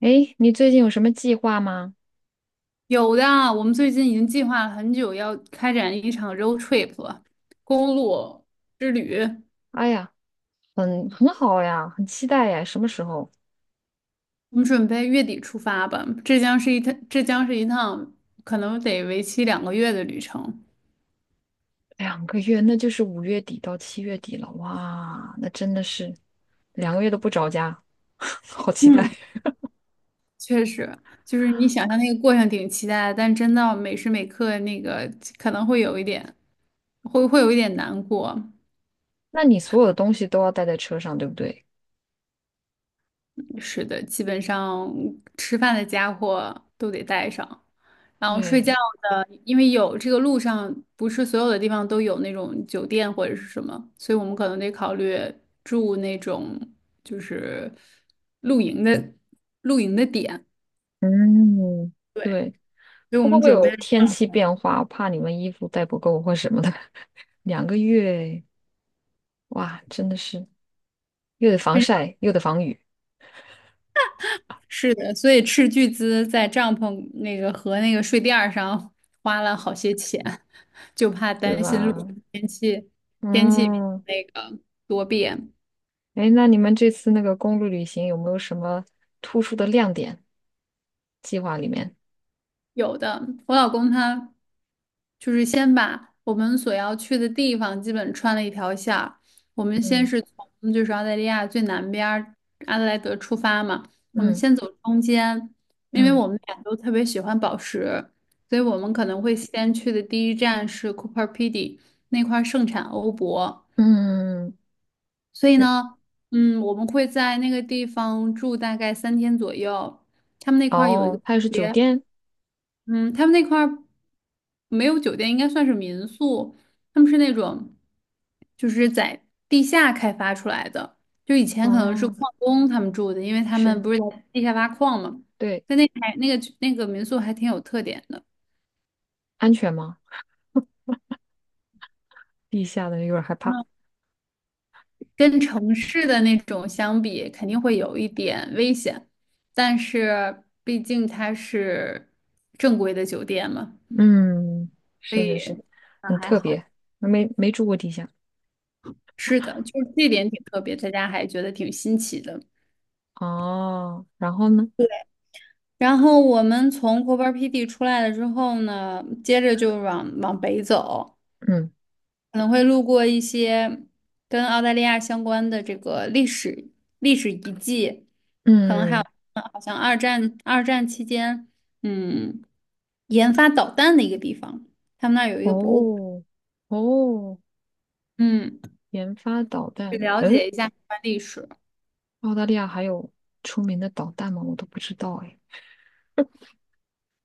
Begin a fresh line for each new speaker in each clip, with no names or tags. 诶，你最近有什么计划吗？
有的啊，我们最近已经计划了很久，要开展一场 road trip 了，公路之旅。
哎呀，很好呀，很期待呀。什么时候？
我们准备月底出发吧，这将是一趟，可能得为期2个月的旅程。
两个月，那就是5月底到7月底了。哇，那真的是两个月都不着家，好期待。
嗯，确实，就是你想象那个过程挺期待的，但真到每时每刻那个可能会有一点，会有一点难过。
那你所有的东西都要带在车上，对不对？
是的，基本上吃饭的家伙都得带上，然后睡觉
对，
的，因为有这个路上不是所有的地方都有那种酒店或者是什么，所以我们可能得考虑住那种就是露营的露营的点。
嗯，
对，
对。
所以我
会不
们
会
准备
有天气变化？我怕你们衣服带不够或什么的。两个月，哇，真的是又得防晒又得防雨，
是的，所以斥巨资在帐篷那个和那个睡垫儿上花了好些钱，就怕
是
担心路上
吧？
天气天气
嗯，
那个多变。
哎，那你们这次那个公路旅行有没有什么突出的亮点？计划里面，
有的，我老公他就是先把我们所要去的地方基本穿了一条线儿。我们先
嗯
是从就是澳大利亚最南边儿阿德莱德出发嘛，我们
嗯
先走中间，因为
嗯
我们俩都特别喜欢宝石，所以我们可
嗯
能会先去的第一站是 Cooper Pedy。 那块儿盛产欧泊，
嗯，嗯
所以
是。
呢，嗯，我们会在那个地方住大概3天左右。他们那块儿有一个。
哦，它也是酒店。
嗯，他们那块儿没有酒店，应该算是民宿。他们是那种，就是在地下开发出来的。就以前可能是
哦，
矿工他们住的，因为他们
是，
不是在地下挖矿嘛。
对，
但那还那个民宿还挺有特点的。
安全吗？地下的有点害怕。
嗯，跟城市的那种相比，肯定会有一点危险。但是毕竟它是正规的酒店嘛，
嗯，
所
是是
以
是，很
还
特
好。
别，没住过地下。
是的，就是这点挺特别，大家还觉得挺新奇的。
哦，然后呢？
然后我们从 Coope 出来了之后呢，接着就往北走，
嗯
可能会路过一些跟澳大利亚相关的这个历史遗迹，
嗯，
好像二战期间，嗯，研发导弹的一个地方，他们那儿有一个博物馆，
哦哦，
嗯，
研发导
去
弹，
了
嗯，
解一下相关历史。
澳大利亚还有出名的导弹吗？我都不知道哎。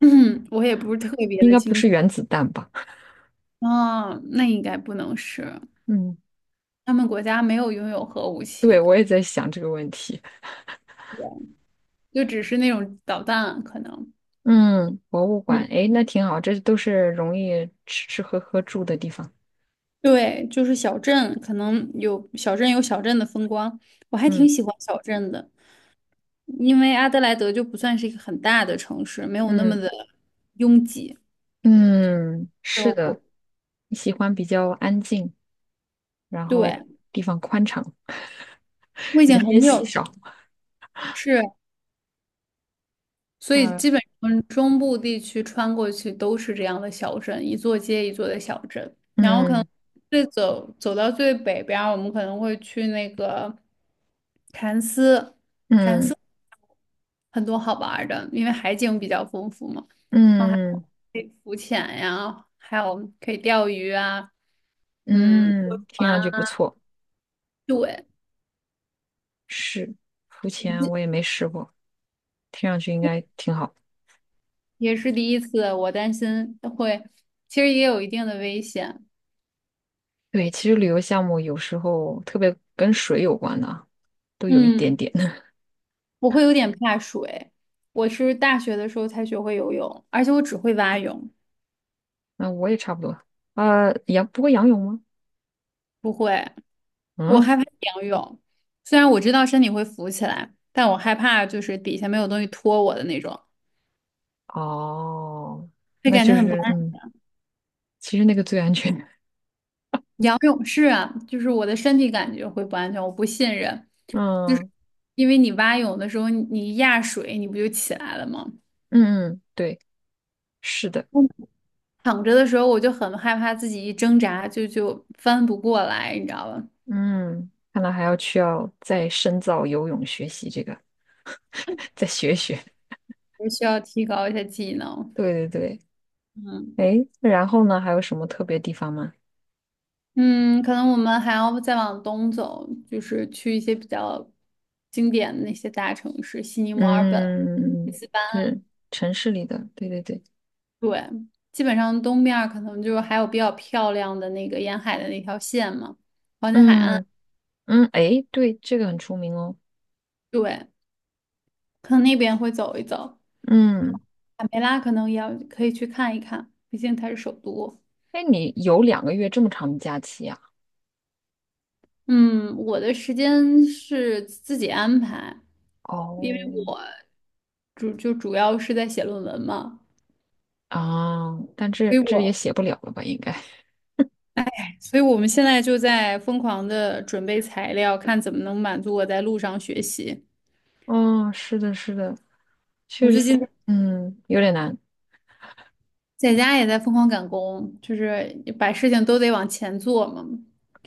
我也不是特别
应
的
该不
清
是
楚。
原子弹吧？
哦，那应该不能是，
嗯，
他们国家没有拥有核武
对，
器，
我也在想这个问题。
就只是那种导弹可能。
嗯，博物馆，
嗯。
哎，那挺好，这都是容易吃吃喝喝住的地方。
对，就是小镇，可能有小镇的风光，我还
嗯
挺喜欢小镇的，因为阿德莱德就不算是一个很大的城市，没有那么
嗯
的拥挤。
嗯，是的，
就
你喜欢比较安静，然后
对，
地方宽敞，
我已经
人烟
很
稀
久
少。
是，所以 基本上中部地区穿过去都是这样的小镇，一座接一座的小镇。然后
嗯
走到最北边儿我们可能会去那个凯恩斯。
嗯嗯
很多好玩儿的，因为海景比较丰富嘛，然后还
嗯
可以浮潜呀，还有可以钓鱼啊。嗯，
嗯，听上去不错。
对，
是，浮潜我也没试过，听上去应该挺好。
也是第一次，我担心会，其实也有一定的危险。
对，其实旅游项目有时候特别跟水有关的啊，都有一
嗯，
点点。
我会有点怕水，我是大学的时候才学会游泳，而且我只会蛙泳。
那我也差不多。不过仰泳吗？
不会，我
嗯，
害怕仰泳，虽然我知道身体会浮起来，但我害怕就是底下没有东西托我的那种，
哦，
会
那
感觉
就
很不
是
安。
嗯，其实那个最安全。
不用，是啊，就是我的身体感觉会不安全，我不信任，就是
嗯
因为你蛙泳的时候，你一压水，你不就起来了吗？
嗯嗯，对，是的。
嗯，躺着的时候，我就很害怕自己一挣扎就翻不过来，你知道吧？
嗯，看来还要需要再深造游泳学习这个，再学学。
我需要提高一下技 能。
对对对。
嗯
诶，然后呢，还有什么特别地方吗？
嗯，可能我们还要再往东走，就是去一些比较经典的那些大城市，悉尼、墨尔本。
嗯，就是城市里的。对对对。
对，基本上东面儿可能就还有比较漂亮的那个沿海的那条线嘛，黄金海岸，
嗯。嗯，哎，对，这个很出名哦。
对，可能那边会走一走，
嗯，
卡梅拉可能也要可以去看一看，毕竟它是首都。
哎，你有两个月这么长的假期呀？
嗯，我的时间是自己安排，因为
哦，
我主要是在写论文嘛，
啊，但这
所以
这也
我
写不了了吧？应该。
所以我们现在就在疯狂的准备材料，看怎么能满足我在路上学习。
哦，是的，是的，确
我最
实，
近
嗯，有点难。
在家也在疯狂赶工，就是把事情都得往前做嘛。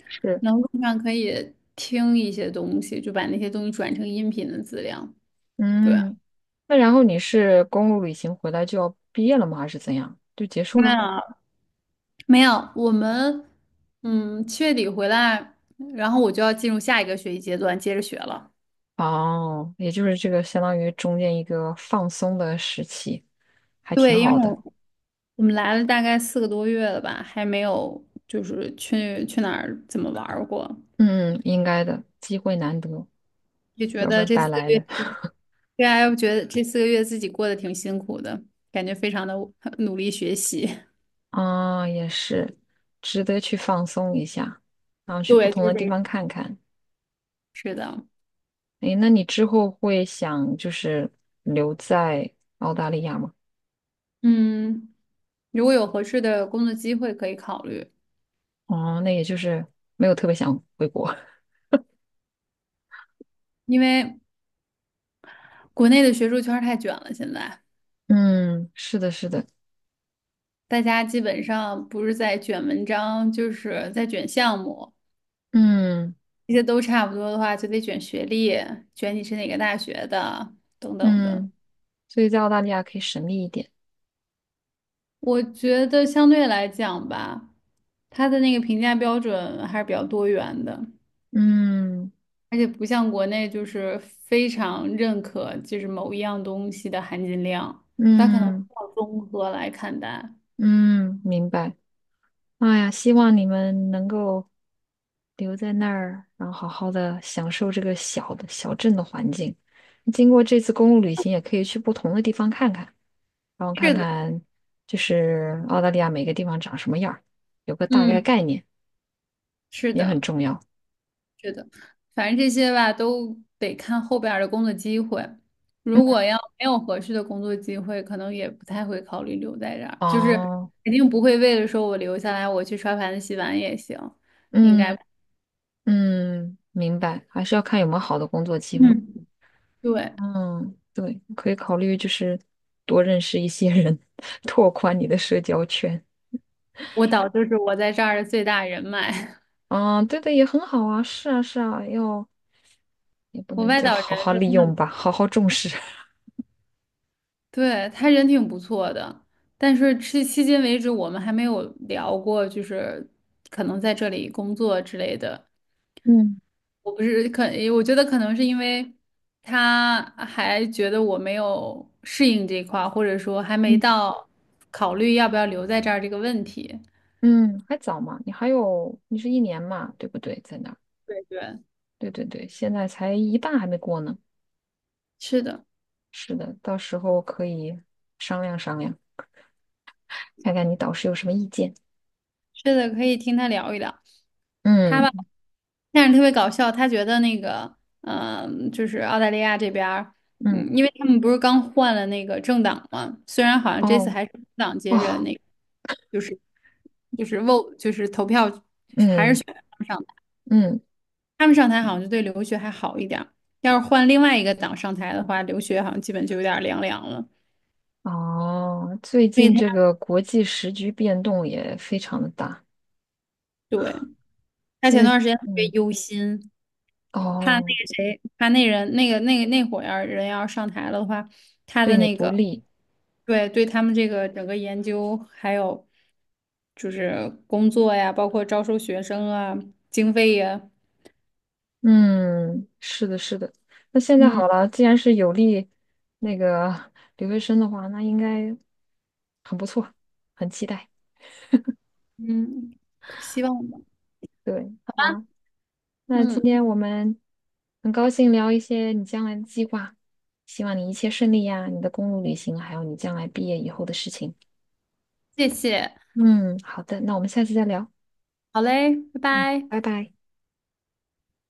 是，
然后路上可以听一些东西，就把那些东西转成音频的资料。对，
嗯，那然后你是公路旅行回来就要毕业了吗？还是怎样？就结束了？
那没有，我们7月底回来，然后我就要进入下一个学习阶段，接着学了。
哦，也就是这个相当于中间一个放松的时期，还挺
对，因
好
为
的。
我们来了大概4个多月了吧，还没有就是去哪儿怎么玩儿过，
嗯，应该的，机会难得，
也觉
要不
得
然
这
白
四个
来
月。
了。
对啊，我觉得这四个月自己过得挺辛苦的，感觉非常的努力学习。
啊，也是，值得去放松一下，然后 去不
对，
同
就是
的
这
地
个。
方看看。
是的，
诶，那你之后会想就是留在澳大利亚吗？
嗯，如果有合适的工作机会可以考虑，
哦，那也就是没有特别想回国。
因为国内的学术圈儿太卷了，现在
嗯，是的，是的，
大家基本上不是在卷文章，就是在卷项目，
嗯
这些都差不多的话，就得卷学历，卷你是哪个大学的，等等的。
嗯，所以在澳大利亚可以省力一点。
我觉得相对来讲吧，他的那个评价标准还是比较多元的。
嗯
而且不像国内就是非常认可就是某一样东西的含金量，它可能
嗯
要综合来看待。
嗯，明白。哎呀，希望你们能够留在那儿，然后好好的享受这个小的小镇的环境。经过这次公路旅行，也可以去不同的地方看看，然后看
是的，
看就是澳大利亚每个地方长什么样儿，有个大概
嗯，
概念
是
也很
的，
重要。
是的，反正这些吧都得看后边儿的工作机会。
嗯，
如果要没有合适的工作机会，可能也不太会考虑留在这儿，就是
哦，
肯定不会为了说我留下来，我去刷盘子洗碗也行，应该
嗯
不。
嗯，明白，还是要看有没有好的工作机会。
嗯，对，
嗯，对，可以考虑就是多认识一些人，拓宽你的社交圈。
我导就是我在这儿的最大人脉，
啊，对的，也很好啊，是啊，是啊，要也不
我
能
外
叫
导
好
人。
好利用吧，好好重视。
对，他人挺不错的，但是迄今为止我们还没有聊过，就是可能在这里工作之类的。
嗯
我不是可，我觉得可能是因为他还觉得我没有适应这块儿，或者说还没
嗯，
到考虑要不要留在这儿这个问题。
嗯，还早嘛，你还有，你是1年嘛，对不对？在那儿，
对对，
对对对，现在才一半还没过呢。
是的，
是的，到时候可以商量商量，看看你导师有什么意见。
是的，可以听他聊一聊。他
嗯
吧。但是特别搞笑，他觉得那个，就是澳大利亚这边儿，
嗯，
嗯，因为他们不是刚换了那个政党嘛，虽然好像这次
哦
还是工党
哦，
接着那个，就是就是 vote 就是投票
嗯
上台，
嗯
他们上台好像就对留学还好一点儿，要是换另外一个党上台的话，留学好像基本就有点儿凉凉了。
哦，最
所以
近这个国际时局变动也非常的大，
对，他
现
前
在
段时间特别
嗯
忧心，怕那
哦，
个谁，怕那人那伙要上台了的话，他
对
的
你
那
不
个
利。
对对，他们这个整个研究还有就是工作呀，包括招收学生啊，经费呀。
嗯，是的，是的。那现在
嗯
好了，既然是有利那个留学生的话，那应该很不错，很期待。
嗯，可希望吧。
对，好啊。那今
嗯，
天我们很高兴聊一些你将来的计划，希望你一切顺利呀，你的公路旅行，还有你将来毕业以后的事情。
谢谢，
嗯，好的，那我们下次再聊。
好嘞，拜
嗯，
拜。
拜拜。